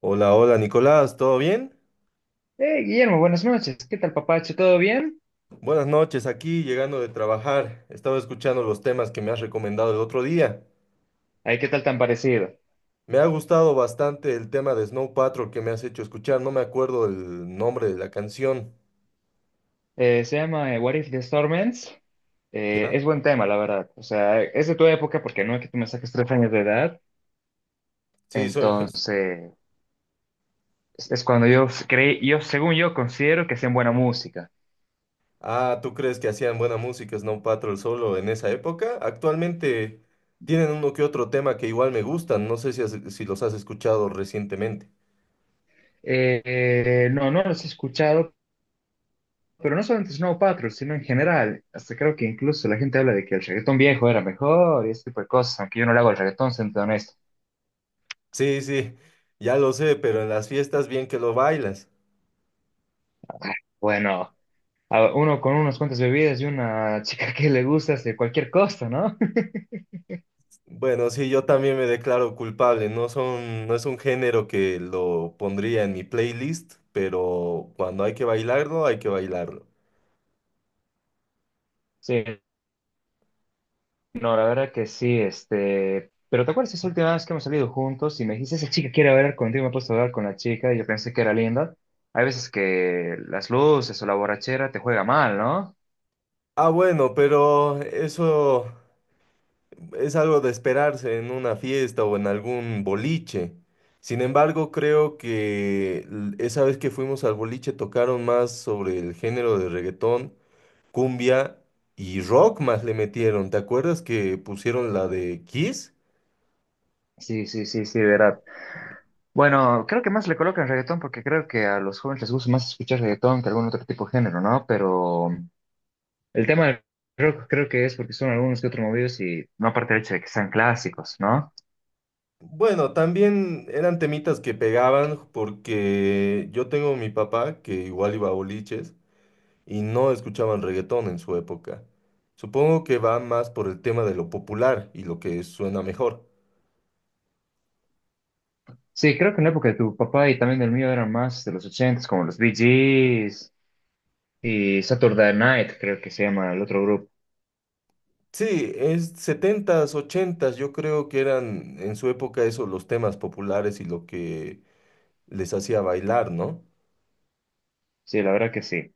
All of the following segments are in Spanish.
Hola, hola Nicolás, ¿todo bien? Guillermo, buenas noches. ¿Qué tal, papacho? ¿Todo bien? Buenas noches, aquí llegando de trabajar. Estaba escuchando los temas que me has recomendado el otro día. Ay, ¿qué tal tan parecido? Me ha gustado bastante el tema de Snow Patrol que me has hecho escuchar. No me acuerdo el nombre de la canción. Se llama What If the Storm Ends. ¿Ya? Es buen tema, la verdad. O sea, es de tu época porque no es que tú me saques tres años de edad. Sí, soy... Entonces, es cuando yo creí, yo, según yo, considero que hacen buena música. Ah, ¿tú crees que hacían buena música Snow Patrol solo en esa época? Actualmente tienen uno que otro tema que igual me gustan. No sé si, si los has escuchado recientemente. No, no los he escuchado, pero no solamente Snow Patrol, sino en general. Hasta creo que incluso la gente habla de que el reggaetón viejo era mejor y ese tipo de cosas, aunque yo no le hago el reggaetón, siendo honesto. Sí, sí, ya lo sé, pero en las fiestas bien que lo bailas. Bueno, a uno con unas cuantas bebidas y una chica que le gusta este, cualquier costo, ¿no? Bueno, sí, yo también me declaro culpable. No son, no es un género que lo pondría en mi playlist, pero cuando hay que bailarlo, hay que bailarlo. Sí, no, la verdad que sí, este, pero ¿te acuerdas esa última vez que hemos salido juntos y me dijiste, esa chica quiere hablar contigo, me he puesto a hablar con la chica y yo pensé que era linda? Hay veces que las luces o la borrachera te juega mal, ¿no? Ah, bueno, pero eso es algo de esperarse en una fiesta o en algún boliche. Sin embargo, creo que esa vez que fuimos al boliche tocaron más sobre el género de reggaetón, cumbia y rock más le metieron. ¿Te acuerdas que pusieron la de Kiss? Sí, sí, sí, sí, verdad. Bueno, creo que más le colocan reggaetón porque creo que a los jóvenes les gusta más escuchar reggaetón que algún otro tipo de género, ¿no? Pero el tema del rock creo que es porque son algunos que otros movidos y no aparte del hecho de que sean clásicos, ¿no? Bueno, también eran temitas que pegaban porque yo tengo mi papá que igual iba a boliches y no escuchaban reggaetón en su época. Supongo que va más por el tema de lo popular y lo que suena mejor. Sí, creo que en la época de tu papá y también del mío eran más de los ochentas, como los Bee Gees y Saturday Night, creo que se llama el otro grupo. Sí, es setentas, ochentas, yo creo que eran en su época eso los temas populares y lo que les hacía bailar, ¿no? Sí, la verdad que sí.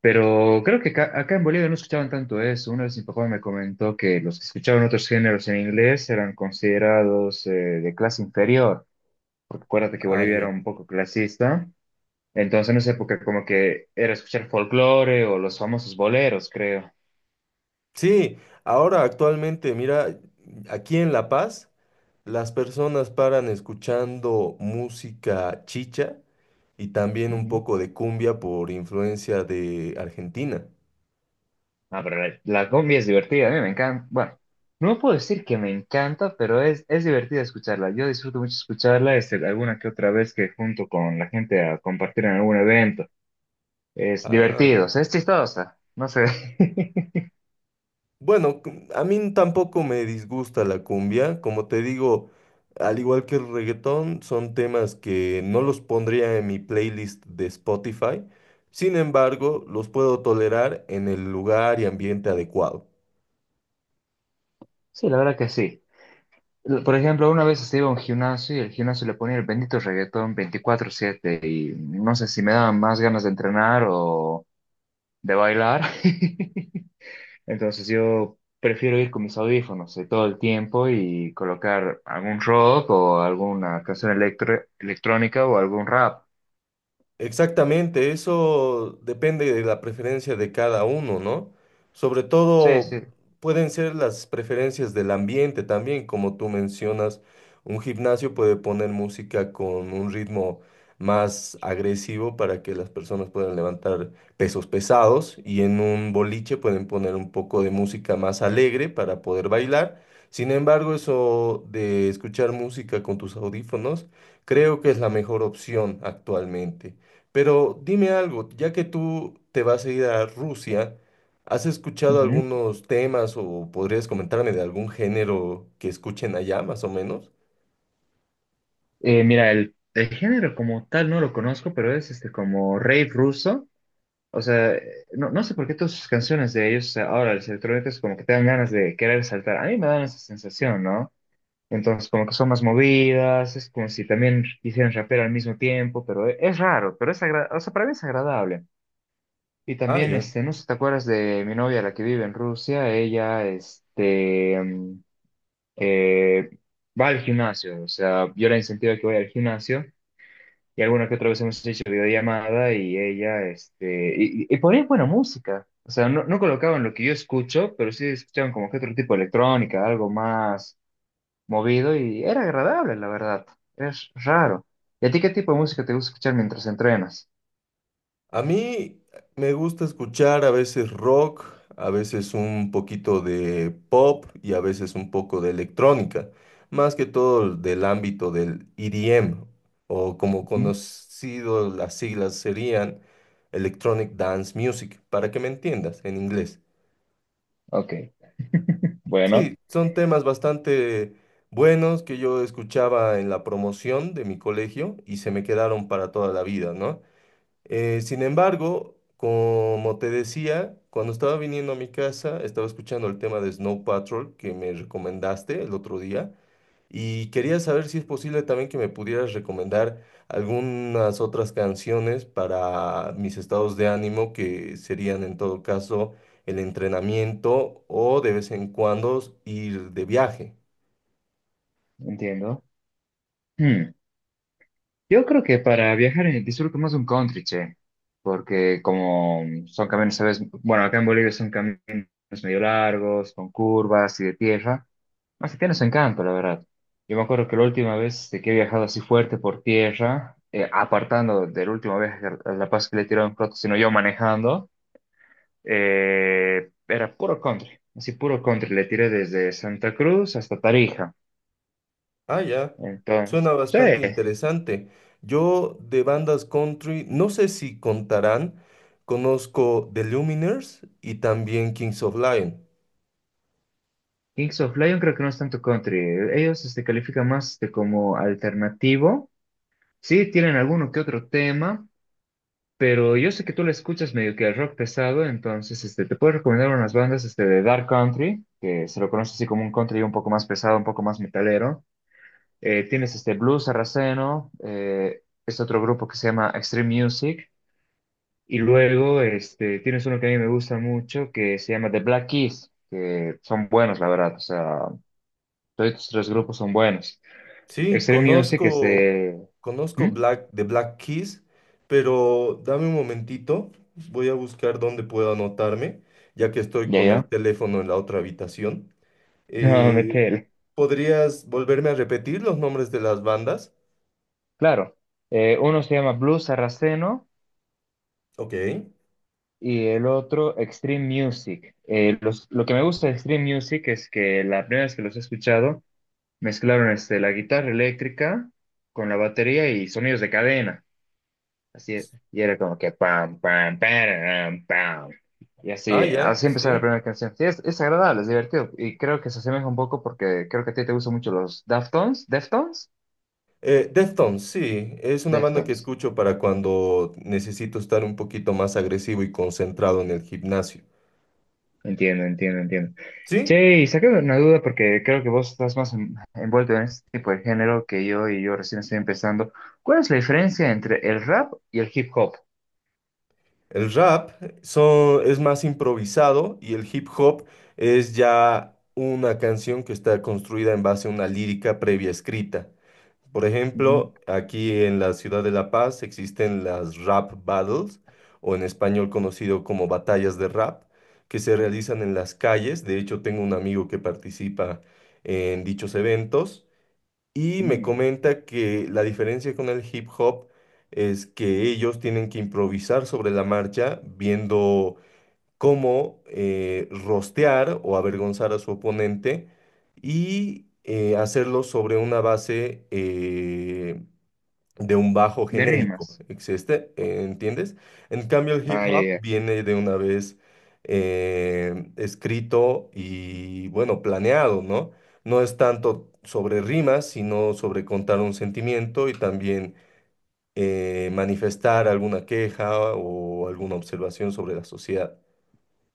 Pero creo que acá en Bolivia no escuchaban tanto eso. Una vez mi papá me comentó que los que escuchaban otros géneros en inglés eran considerados de clase inferior, porque acuérdate que Ah, Bolivia era ya. un poco clasista. Entonces, en esa época como que era escuchar folclore o los famosos boleros, creo. Sí, ahora actualmente, mira, aquí en La Paz. Las personas paran escuchando música chicha y también un Ujú. poco de cumbia por influencia de Argentina. Ah, pero la cumbia es divertida, a mí me encanta. Bueno, no puedo decir que me encanta, pero es divertida escucharla. Yo disfruto mucho escucharla, este, alguna que otra vez que junto con la gente a compartir en algún evento. Es Ah, divertido, o ya. sea, es chistosa, no sé. Bueno, a mí tampoco me disgusta la cumbia. Como te digo, al igual que el reggaetón, son temas que no los pondría en mi playlist de Spotify. Sin embargo, los puedo tolerar en el lugar y ambiente adecuado. Sí, la verdad que sí. Por ejemplo, una vez se iba a un gimnasio y el gimnasio le ponía el bendito reggaetón 24/7 y no sé si me daban más ganas de entrenar o de bailar. Entonces yo prefiero ir con mis audífonos todo el tiempo y colocar algún rock o alguna canción electrónica o algún rap. Exactamente, eso depende de la preferencia de cada uno, ¿no? Sobre Sí, todo sí. pueden ser las preferencias del ambiente también, como tú mencionas, un gimnasio puede poner música con un ritmo más agresivo para que las personas puedan levantar pesos pesados y en un boliche pueden poner un poco de música más alegre para poder bailar. Sin embargo, eso de escuchar música con tus audífonos, creo que es la mejor opción actualmente. Pero dime algo, ya que tú te vas a ir a Rusia, ¿has escuchado Ujú. algunos temas o podrías comentarme de algún género que escuchen allá, más o menos? Mira, el género como tal no lo conozco, pero es este como rave ruso. O sea, no, no sé por qué todas sus canciones de ellos ahora, las electrónicas, como que te dan ganas de querer saltar. A mí me dan esa sensación, ¿no? Entonces, como que son más movidas, es como si también hicieran rapero al mismo tiempo, pero es raro, pero es agradable, o sea, para mí es agradable. Y Ah, también, ya. este, no sé si te acuerdas de mi novia, la que vive en Rusia, ella, este, eh, va al gimnasio, o sea, yo la incentivo a que vaya al gimnasio, y alguna que otra vez hemos hecho videollamada, y ella, este, y ponía buena música, o sea, no, no colocaban lo que yo escucho, pero sí escuchaban como que otro tipo de electrónica, algo más movido y era agradable, la verdad. Es raro. ¿Y a ti qué tipo de música te gusta escuchar mientras entrenas? A mí me gusta escuchar a veces rock, a veces un poquito de pop y a veces un poco de electrónica, más que todo del ámbito del EDM, o como Ujú. conocido las siglas serían Electronic Dance Music, para que me entiendas en inglés. Ok, bueno, Sí, son temas bastante buenos que yo escuchaba en la promoción de mi colegio y se me quedaron para toda la vida, ¿no? Sin embargo, como te decía, cuando estaba viniendo a mi casa, estaba escuchando el tema de Snow Patrol que me recomendaste el otro día y quería saber si es posible también que me pudieras recomendar algunas otras canciones para mis estados de ánimo, que serían en todo caso el entrenamiento o de vez en cuando ir de viaje. entiendo. Hmm, yo creo que para viajar disfruto más un country, che, porque como son caminos, ¿sabes? Bueno, acá en Bolivia son caminos medio largos, con curvas y de tierra. Así tiene su encanto, la verdad. Yo me acuerdo que la última vez de que he viajado así fuerte por tierra, apartando del último viaje a La Paz que le tiraron un plato, sino yo manejando. Era puro country, así puro country. Le tiré desde Santa Cruz hasta Tarija. Ah, ya. Entonces, Suena sí, bastante interesante. Yo de bandas country, no sé si contarán, conozco The Lumineers y también Kings of Lion. Kings of Leon creo que no es tanto country. Ellos este, califican más de como alternativo. Sí, tienen alguno que otro tema, pero yo sé que tú le escuchas medio que el rock pesado, entonces este, te puedo recomendar unas bandas este, de Dark Country, que se lo conoce así como un country un poco más pesado, un poco más metalero. Tienes este Blues Sarraceno, es otro grupo que se llama Extreme Music. Y luego este, tienes uno que a mí me gusta mucho que se llama The Black Keys, que son buenos, la verdad. O sea, todos estos tres grupos son buenos. Sí, Extreme Music, conozco, este. conozco ¿Mm? Black, de Black Keys, pero dame un momentito, voy a buscar dónde puedo anotarme, ya que estoy ¿Ya, con el ya? teléfono en la otra habitación. No, Eh, metele. ¿Podrías volverme a repetir los nombres de las bandas? Claro. Uno se llama Blues Sarraceno Ok. y el otro Extreme Music. Lo que me gusta de Extreme Music es que la primera vez que los he escuchado, mezclaron este, la guitarra eléctrica con la batería y sonidos de cadena. Así, y era como que pam, pam, pam, pam. Y Ah, así, ya, así empezaba la sí. primera canción. Sí, es agradable, es divertido. Y creo que se asemeja un poco porque creo que a ti te gustan mucho los Deftones. ¿Deftones? Deftones, sí, es una banda que Deftones. escucho para cuando necesito estar un poquito más agresivo y concentrado en el gimnasio. Entiendo, entiendo, entiendo. ¿Sí? Che, y saqué una duda porque creo que vos estás más envuelto en este tipo de género que yo y yo recién estoy empezando. ¿Cuál es la diferencia entre el rap y el hip hop? El rap son, es más improvisado y el hip hop es ya una canción que está construida en base a una lírica previa escrita. Por ejemplo, Ujú. aquí en la ciudad de La Paz existen las rap battles, o en español conocido como batallas de rap, que se realizan en las calles. De hecho, tengo un amigo que participa en dichos eventos. Y me Mm, comenta que la diferencia con el hip hop es que ellos tienen que improvisar sobre la marcha, viendo cómo rostear o avergonzar a su oponente y hacerlo sobre una base de un bajo de genérico, rimas. existe, ¿entiendes? En cambio, el hip Ah, ya, hop ya. viene de una vez escrito y, bueno, planeado, ¿no? No es tanto sobre rimas, sino sobre contar un sentimiento y también manifestar alguna queja o alguna observación sobre la sociedad.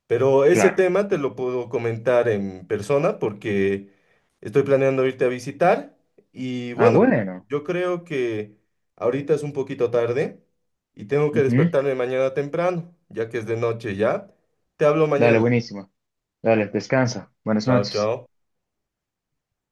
Pero ese Claro. tema te lo puedo comentar en persona porque estoy planeando irte a visitar y Ah, bueno, bueno. yo creo que ahorita es un poquito tarde y tengo que Ujú. despertarme mañana temprano, ya que es de noche ya. Te hablo Dale, mañana. buenísimo. Dale, pues, descansa. Buenas Chao, noches. chao.